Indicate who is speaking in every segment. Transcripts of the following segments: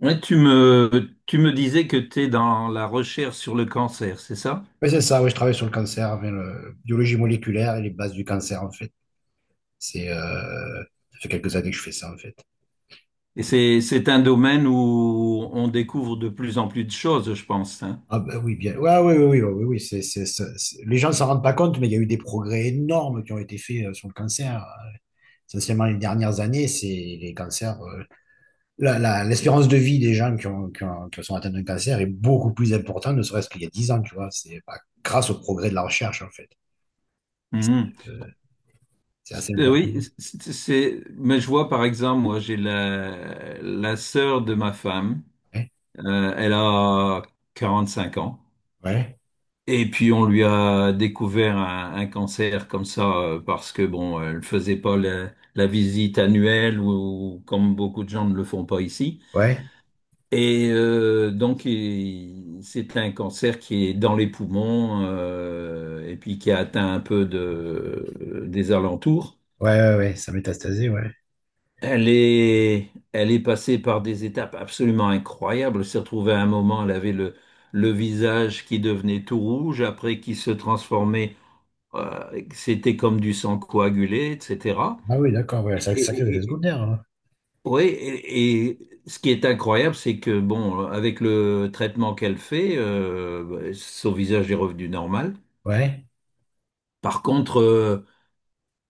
Speaker 1: Ouais, tu me disais que tu es dans la recherche sur le cancer, c'est ça?
Speaker 2: Oui, c'est ça, oui, je travaille sur le cancer, avec la biologie moléculaire et les bases du cancer, en fait. C'est, euh, Ça fait quelques années que je fais ça, en fait.
Speaker 1: Et c'est un domaine où on découvre de plus en plus de choses, je pense, hein.
Speaker 2: Ah ben oui, bien. Ouais, oui, oui, oui, oui, oui, oui, les gens ne s'en rendent pas compte, mais il y a eu des progrès énormes qui ont été faits sur le cancer. Essentiellement, les dernières années, c'est les cancers. L'espérance de vie des gens qui sont atteints d'un cancer est beaucoup plus importante, ne serait-ce qu'il y a 10 ans, tu vois. Grâce au progrès de la recherche, en fait. Et
Speaker 1: Mhm.
Speaker 2: C'est euh, c'est assez important.
Speaker 1: Oui, mais je vois par exemple, moi j'ai la, la sœur de ma femme,
Speaker 2: Ouais,
Speaker 1: elle a 45 ans,
Speaker 2: ouais,
Speaker 1: et puis on lui a découvert un cancer comme ça, parce que bon, elle faisait pas la, la visite annuelle, ou comme beaucoup de gens ne le font pas ici.
Speaker 2: ouais,
Speaker 1: Et donc, c'est un cancer qui est dans les poumons et puis qui a atteint un peu de, des alentours.
Speaker 2: ouais, ouais, ouais, ouais, ça métastasé, ouais.
Speaker 1: Elle est passée par des étapes absolument incroyables. Elle s'est retrouvée à un moment, elle avait le visage qui devenait tout rouge, après qui se transformait, c'était comme du sang coagulé, etc.
Speaker 2: Ah oui, d'accord, ouais, c'est sacré effet secondaire, hein.
Speaker 1: Oui, et ce qui est incroyable, c'est que bon, avec le traitement qu'elle fait, bah, son visage est revenu normal.
Speaker 2: Ouais,
Speaker 1: Par contre,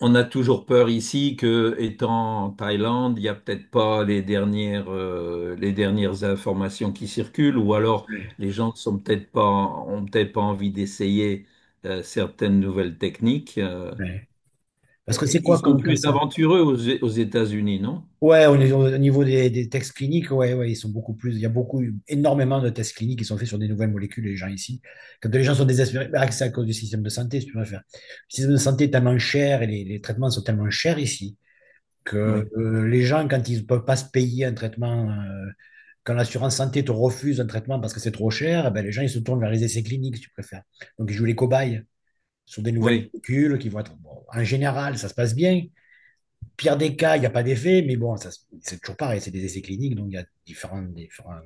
Speaker 1: on a toujours peur ici que, étant en Thaïlande, il n'y a peut-être pas les dernières, les dernières informations qui circulent, ou alors
Speaker 2: ouais,
Speaker 1: les gens sont peut-être pas, ont peut-être pas envie d'essayer certaines nouvelles techniques.
Speaker 2: ouais. Parce que c'est
Speaker 1: Et ils
Speaker 2: quoi
Speaker 1: sont
Speaker 2: comme
Speaker 1: plus
Speaker 2: cancer?
Speaker 1: aventureux aux, aux États-Unis, non?
Speaker 2: Ouais, au niveau des tests cliniques, ouais, ouais, ils sont beaucoup plus. Il y a beaucoup, énormément de tests cliniques qui sont faits sur des nouvelles molécules, les gens ici. Quand les gens sont désespérés, bah, c'est à cause du système de santé, si tu préfères. Le système de santé est tellement cher et les traitements sont tellement chers ici
Speaker 1: Oui.
Speaker 2: que les gens, quand ils ne peuvent pas se payer un traitement, quand l'assurance santé te refuse un traitement parce que c'est trop cher, eh ben, les gens ils se tournent vers les essais cliniques, si tu préfères. Donc ils jouent les cobayes sur des nouvelles
Speaker 1: Oui.
Speaker 2: molécules qui vont être, bon, en général, ça se passe bien. Pire des cas, il n'y a pas d'effet, mais bon, ça c'est toujours pareil, c'est des essais cliniques, donc il y a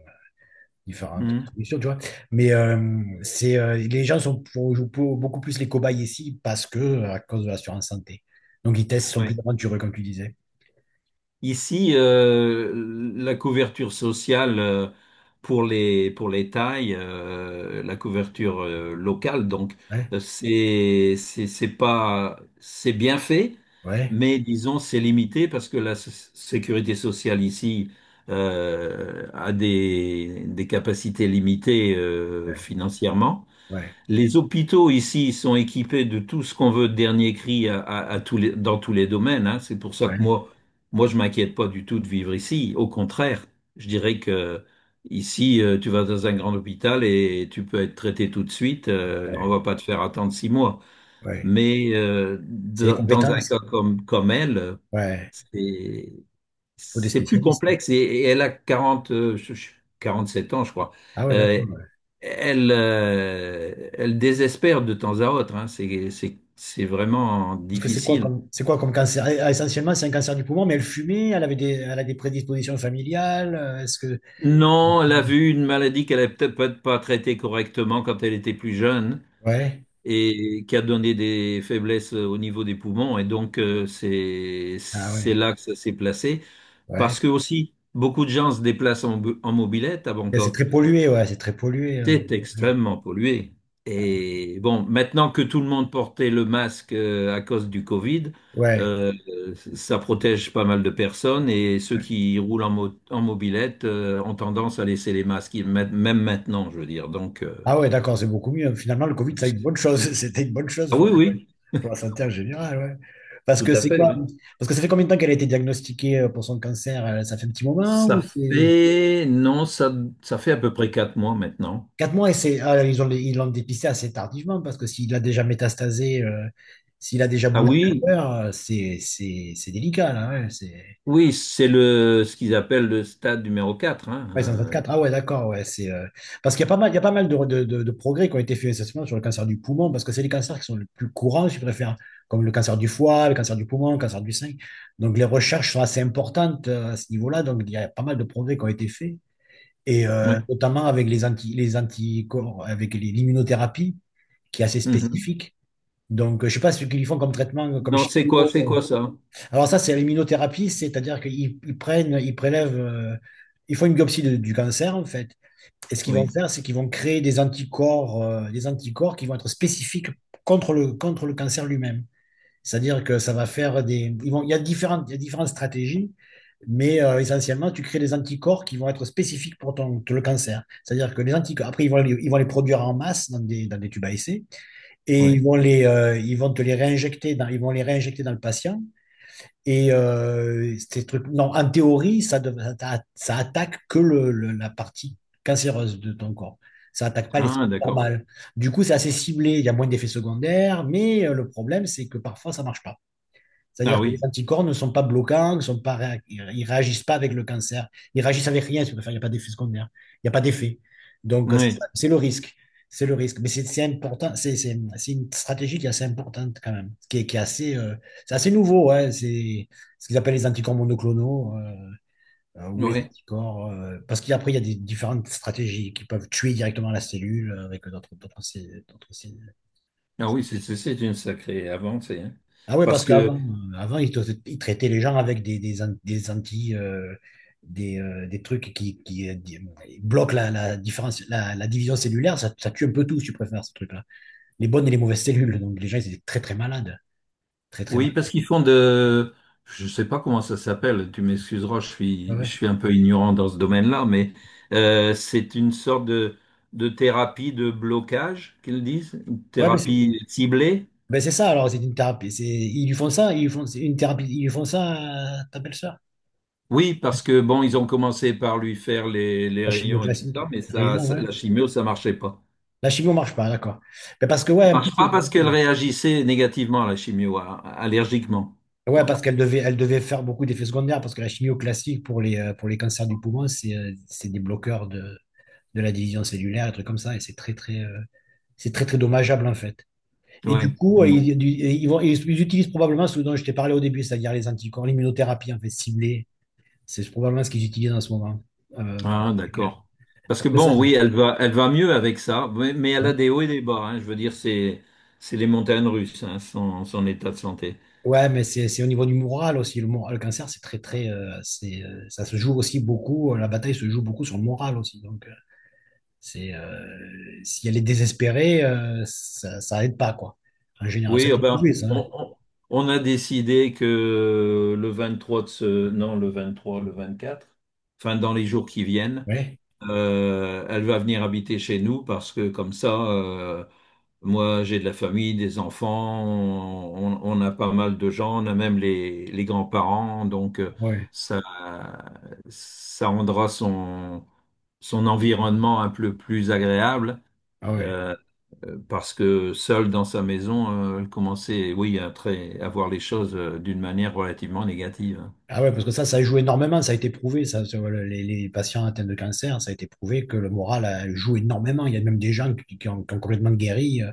Speaker 2: différentes
Speaker 1: Mhm.
Speaker 2: solutions, tu vois. Mais les gens sont beaucoup plus les cobayes ici à cause de l'assurance santé. Donc, ils testent, sont plus
Speaker 1: Oui.
Speaker 2: aventureux, comme tu disais.
Speaker 1: Ici, la couverture sociale pour les tailles, la couverture locale, donc
Speaker 2: Ouais,
Speaker 1: c'est pas c'est bien fait,
Speaker 2: ouais,
Speaker 1: mais disons c'est limité parce que la sécurité sociale ici a des capacités limitées
Speaker 2: ouais,
Speaker 1: financièrement.
Speaker 2: ouais,
Speaker 1: Les hôpitaux ici sont équipés de tout ce qu'on veut de dernier cri à, à tous dans tous les domaines, hein. C'est pour ça que
Speaker 2: ouais,
Speaker 1: moi, moi, je m'inquiète pas du tout de vivre ici. Au contraire, je dirais que ici, tu vas dans un grand hôpital et tu peux être traité tout de suite. On
Speaker 2: ouais,
Speaker 1: va pas te faire attendre 6 mois.
Speaker 2: ouais.
Speaker 1: Mais
Speaker 2: C'est les
Speaker 1: dans dans un cas
Speaker 2: compétences.
Speaker 1: comme, comme elle,
Speaker 2: Ouais,
Speaker 1: c'est
Speaker 2: il faut des
Speaker 1: c'est plus
Speaker 2: spécialistes.
Speaker 1: complexe et elle a 40 47 ans, je crois.
Speaker 2: Ah ouais,
Speaker 1: Euh,
Speaker 2: d'accord.
Speaker 1: elle, elle désespère de temps à autre, hein. C'est vraiment
Speaker 2: Parce que
Speaker 1: difficile.
Speaker 2: c'est quoi comme cancer? Essentiellement, c'est un cancer du poumon, mais elle fumait, elle avait des, elle a des prédispositions familiales. Est-ce que.
Speaker 1: Non, elle a vu une maladie qu'elle n'avait peut-être pas pas traitée correctement quand elle était plus jeune
Speaker 2: Ouais.
Speaker 1: et qui a donné des faiblesses au niveau des poumons. Et donc,
Speaker 2: Ah
Speaker 1: c'est
Speaker 2: ouais.
Speaker 1: là que ça s'est placé.
Speaker 2: Ouais.
Speaker 1: Parce que aussi, beaucoup de gens se déplacent en, en mobilette à
Speaker 2: Et c'est
Speaker 1: Bangkok.
Speaker 2: très pollué, ouais, c'est très pollué.
Speaker 1: C'était extrêmement pollué. Et bon, maintenant que tout le monde portait le masque à cause du Covid,
Speaker 2: Ouais.
Speaker 1: euh, ça protège pas mal de personnes et ceux
Speaker 2: Ouais.
Speaker 1: qui roulent en, en mobilette ont tendance à laisser les masques, même même maintenant, je veux dire. Donc,
Speaker 2: Ah ouais, d'accord, c'est beaucoup mieux. Finalement, le Covid, ça a une bonne chose. C'était une bonne chose
Speaker 1: ah
Speaker 2: pour,
Speaker 1: oui, oui,
Speaker 2: pour la santé en général, ouais. Parce
Speaker 1: tout
Speaker 2: que
Speaker 1: à
Speaker 2: c'est
Speaker 1: fait,
Speaker 2: quoi?
Speaker 1: oui.
Speaker 2: Parce que ça fait combien de temps qu'elle a été diagnostiquée pour son cancer? Ça fait un petit moment ou
Speaker 1: Ça
Speaker 2: c'est.
Speaker 1: fait, non, ça fait à peu près 4 mois maintenant.
Speaker 2: 4 mois, et ils l'ont dépisté assez tardivement parce que s'il a déjà métastasé, s'il a déjà
Speaker 1: Ah
Speaker 2: bougé
Speaker 1: oui,
Speaker 2: ailleurs, c'est délicat, là, hein.
Speaker 1: oui, c'est le, ce qu'ils appellent le stade numéro 4, hein.
Speaker 2: Ouais, ils en traitent quatre. Ah ouais, d'accord, ouais. Parce qu'il y a pas mal, il y a pas mal de progrès qui ont été faits essentiellement sur le cancer du poumon parce que c'est les cancers qui sont les plus courants, je préfère, comme le cancer du foie, le cancer du poumon, le cancer du sein. Donc les recherches sont assez importantes à ce niveau-là, donc il y a pas mal de progrès qui ont été faits. Et
Speaker 1: Ouais.
Speaker 2: notamment avec les anticorps, avec l'immunothérapie, qui est assez
Speaker 1: Mhm.
Speaker 2: spécifique. Donc, je ne sais pas ce qu'ils font comme traitement, comme
Speaker 1: Non, c'est quoi
Speaker 2: chimio.
Speaker 1: ça?
Speaker 2: Alors ça, c'est l'immunothérapie, c'est-à-dire qu'ils ils prennent, ils prélèvent, ils font une biopsie du cancer, en fait. Et ce qu'ils vont
Speaker 1: Oui,
Speaker 2: faire, c'est qu'ils vont créer des anticorps, qui vont être spécifiques contre contre le cancer lui-même. C'est-à-dire que ça va faire des. Il y a différentes, stratégies, mais essentiellement, tu crées des anticorps qui vont être spécifiques pour le cancer. C'est-à-dire que les anticorps, après, ils vont les produire en masse dans dans des tubes à essai, et
Speaker 1: oui.
Speaker 2: ils vont les réinjecter dans le patient. Et ces trucs, non, en théorie, ça attaque que la partie cancéreuse de ton corps. Ça attaque pas les
Speaker 1: Ah,
Speaker 2: cellules
Speaker 1: d'accord.
Speaker 2: normales. Du coup, c'est assez ciblé, il y a moins d'effets secondaires, mais le problème, c'est que parfois, ça marche pas. C'est-à-dire
Speaker 1: Ah
Speaker 2: que les
Speaker 1: oui,
Speaker 2: anticorps ne sont pas bloquants, ne sont pas réa- ils ne réagissent pas avec le cancer. Ils réagissent avec rien, si vous préférez. Il n'y a pas d'effet secondaire. Il n'y a pas d'effet. Donc, c'est ça,
Speaker 1: oui,
Speaker 2: c'est le risque. C'est le risque. Mais c'est important. C'est une stratégie qui est assez importante, quand même. Qui est assez, c'est assez nouveau, hein. C'est ce qu'ils appellent les anticorps monoclonaux, ou les
Speaker 1: oui.
Speaker 2: anticorps. Parce qu'après, il y a des différentes stratégies qui peuvent tuer directement la cellule, avec d'autres cellules.
Speaker 1: Ah oui, c'est une sacrée avancée, hein.
Speaker 2: Ah ouais, parce
Speaker 1: Parce que,
Speaker 2: qu'avant, ils traitaient les gens avec des trucs bloquent la division cellulaire. Ça tue un peu tout, si tu préfères, ce truc-là. Les bonnes et les mauvaises cellules. Donc, les gens, ils étaient très, très malades. Très, très
Speaker 1: oui,
Speaker 2: malades.
Speaker 1: parce qu'ils font de, je sais pas comment ça s'appelle, tu m'excuseras,
Speaker 2: Ouais,
Speaker 1: je
Speaker 2: ouais.
Speaker 1: suis un peu ignorant dans ce domaine-là, mais c'est une sorte de thérapie de blocage, qu'ils disent, une
Speaker 2: Ouais, mais c'est
Speaker 1: thérapie ciblée.
Speaker 2: ben, c'est ça, alors, c'est une thérapie. Ils lui font ça, ils lui font, c'est une thérapie, ils lui font ça, t'appelles ça?
Speaker 1: Oui, parce que, bon, ils ont commencé par lui faire les
Speaker 2: La chimio
Speaker 1: rayons et tout ça,
Speaker 2: classique.
Speaker 1: mais ça,
Speaker 2: Réellement, ouais.
Speaker 1: la chimio, ça marchait pas.
Speaker 2: La chimio marche pas, d'accord. Mais parce que, ouais, en plus,
Speaker 1: Marche pas parce qu'elle réagissait négativement à la chimio, allergiquement.
Speaker 2: ouais,
Speaker 1: Bon,
Speaker 2: parce qu'elle devait faire beaucoup d'effets secondaires, parce que la chimio classique pour les cancers du poumon, c'est des bloqueurs de la division cellulaire, des trucs comme ça, et c'est très, très dommageable en fait. Et du
Speaker 1: oui.
Speaker 2: coup,
Speaker 1: Mmh.
Speaker 2: ils, du- ils vont, ils utilisent probablement ce dont je t'ai parlé au début, c'est-à-dire les anticorps, l'immunothérapie en fait ciblée, c'est probablement ce qu'ils utilisent en ce moment. Vers-
Speaker 1: Ah, d'accord. Parce que
Speaker 2: parce que ça,
Speaker 1: bon,
Speaker 2: c'est-
Speaker 1: oui, elle va mieux avec ça, mais elle
Speaker 2: Ouais.
Speaker 1: a des hauts et des bas, hein. Je veux dire, c'est les montagnes russes, hein, son, son état de santé.
Speaker 2: Ouais, mais c'est au niveau du moral aussi. Le moral, le cancer, c'est très, très. Ça se joue aussi beaucoup. La bataille se joue beaucoup sur le moral aussi. Donc, si elle est désespérée, ça aide pas, quoi. En général, ça
Speaker 1: Oui,
Speaker 2: a
Speaker 1: eh
Speaker 2: été
Speaker 1: ben,
Speaker 2: prouvé, ça, hein.
Speaker 1: on a décidé que le 23 de ce, non, le 23, le 24, enfin, dans les jours qui viennent,
Speaker 2: Ouais,
Speaker 1: Elle va venir habiter chez nous parce que comme ça, moi j'ai de la famille, des enfants, on a pas mal de gens, on a même les grands-parents, donc
Speaker 2: ah ouais,
Speaker 1: ça, ça rendra son, son environnement un peu plus agréable
Speaker 2: ah ouais.
Speaker 1: euh, parce que seule dans sa maison, elle commençait, oui, à, à voir les choses d'une manière relativement négative, hein.
Speaker 2: Ah ouais, parce que ça joue énormément, ça a été prouvé, ça, sur les patients atteints de cancer, ça a été prouvé que le moral joue énormément. Il y a même des gens qui ont complètement guéri,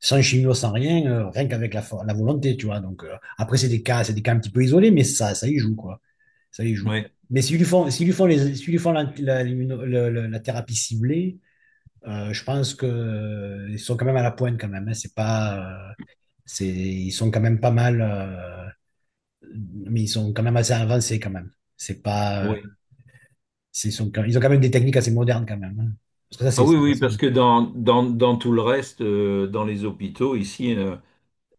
Speaker 2: sans chimio, sans rien, rien qu'avec la volonté, tu vois. Donc, après, c'est des cas un petit peu isolés, mais ça, y joue, quoi. Ça y joue.
Speaker 1: Oui,
Speaker 2: Mais s'ils lui font la, la- l'immuno- le- la thérapie ciblée, je pense que ils sont quand même à la pointe quand même, hein. C'est pas, c'est, ils sont quand même pas mal, mais ils sont quand même assez avancés quand même. C'est pas,
Speaker 1: oui.
Speaker 2: ils ont quand même des techniques assez modernes quand même, hein. Parce que ça
Speaker 1: Ah oui, oui,
Speaker 2: c'est-
Speaker 1: parce que dans, dans, dans tout le reste, dans les hôpitaux, ici,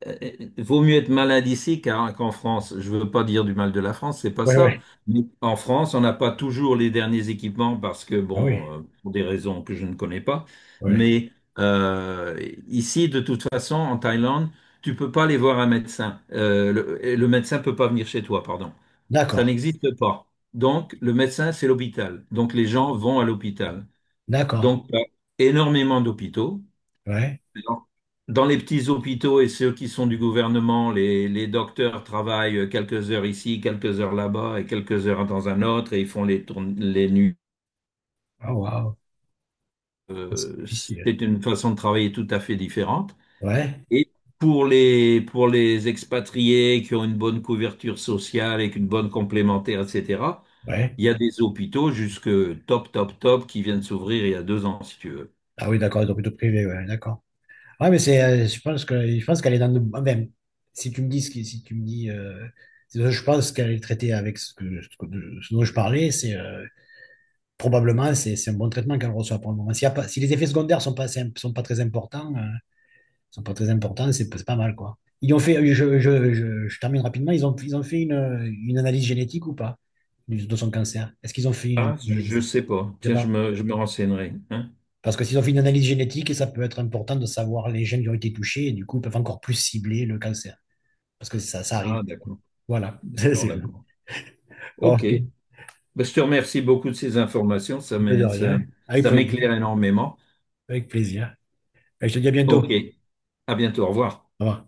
Speaker 1: euh, vaut mieux être malade ici qu'en France. Je veux pas dire du mal de la France, c'est pas
Speaker 2: Ouais,
Speaker 1: ça.
Speaker 2: ouais,
Speaker 1: Mais en France, on n'a pas toujours les derniers équipements parce que,
Speaker 2: ah
Speaker 1: bon,
Speaker 2: oui,
Speaker 1: pour des raisons que je ne connais pas.
Speaker 2: ouais.
Speaker 1: Mais euh, ici, de toute façon, en Thaïlande, tu peux pas aller voir un médecin. Le, et le médecin peut pas venir chez toi, pardon. Ça
Speaker 2: D'accord,
Speaker 1: n'existe pas. Donc, le médecin, c'est l'hôpital. Donc, les gens vont à l'hôpital.
Speaker 2: d'accord,
Speaker 1: Donc, il y a énormément d'hôpitaux.
Speaker 2: ouais.
Speaker 1: Dans dans les petits hôpitaux et ceux qui sont du gouvernement, les docteurs travaillent quelques heures ici, quelques heures là-bas et quelques heures dans un autre et ils font les, les nuits.
Speaker 2: Oh waouh, c'est difficile.
Speaker 1: C'est une façon de travailler tout à fait différente.
Speaker 2: Ouais,
Speaker 1: Et pour les expatriés qui ont une bonne couverture sociale et une bonne complémentaire, etc.,
Speaker 2: ouais.
Speaker 1: il y a des hôpitaux jusque top, top, top qui viennent s'ouvrir il y a 2 ans, si tu veux.
Speaker 2: Ah oui, d'accord, ils ont plutôt privé, ouais, d'accord. Ouais, mais je pense qu'elle est dans de, si tu me dis si tu me dis, c'est ça, je pense qu'elle est traitée avec ce dont je parlais, probablement, c'est un bon traitement qu'elle reçoit pour le moment. S'il y a pas, si les effets secondaires sont pas, sont pas très importants, sont pas très importants, c'est pas mal, quoi. Ils ont fait, je termine rapidement, ils ont fait une analyse génétique ou pas, de son cancer? Est-ce qu'ils ont fait une
Speaker 1: Ah, je ne
Speaker 2: analyse?
Speaker 1: sais pas.
Speaker 2: Je sais
Speaker 1: Tiens,
Speaker 2: pas.
Speaker 1: je me renseignerai, hein.
Speaker 2: Parce que s'ils ont fait une analyse génétique, ça peut être important de savoir les gènes qui ont été touchés et du coup, ils peuvent encore plus cibler le cancer, parce que ça, arrive.
Speaker 1: Ah, d'accord.
Speaker 2: Voilà, c'est
Speaker 1: D'accord,
Speaker 2: sûr.
Speaker 1: d'accord. OK.
Speaker 2: OK,
Speaker 1: Ben, je te remercie beaucoup de ces informations.
Speaker 2: de
Speaker 1: Ça,
Speaker 2: rien. Avec
Speaker 1: ça
Speaker 2: plaisir.
Speaker 1: m'éclaire énormément.
Speaker 2: Avec plaisir. Et je te dis à
Speaker 1: OK.
Speaker 2: bientôt.
Speaker 1: À bientôt. Au revoir.
Speaker 2: Au revoir.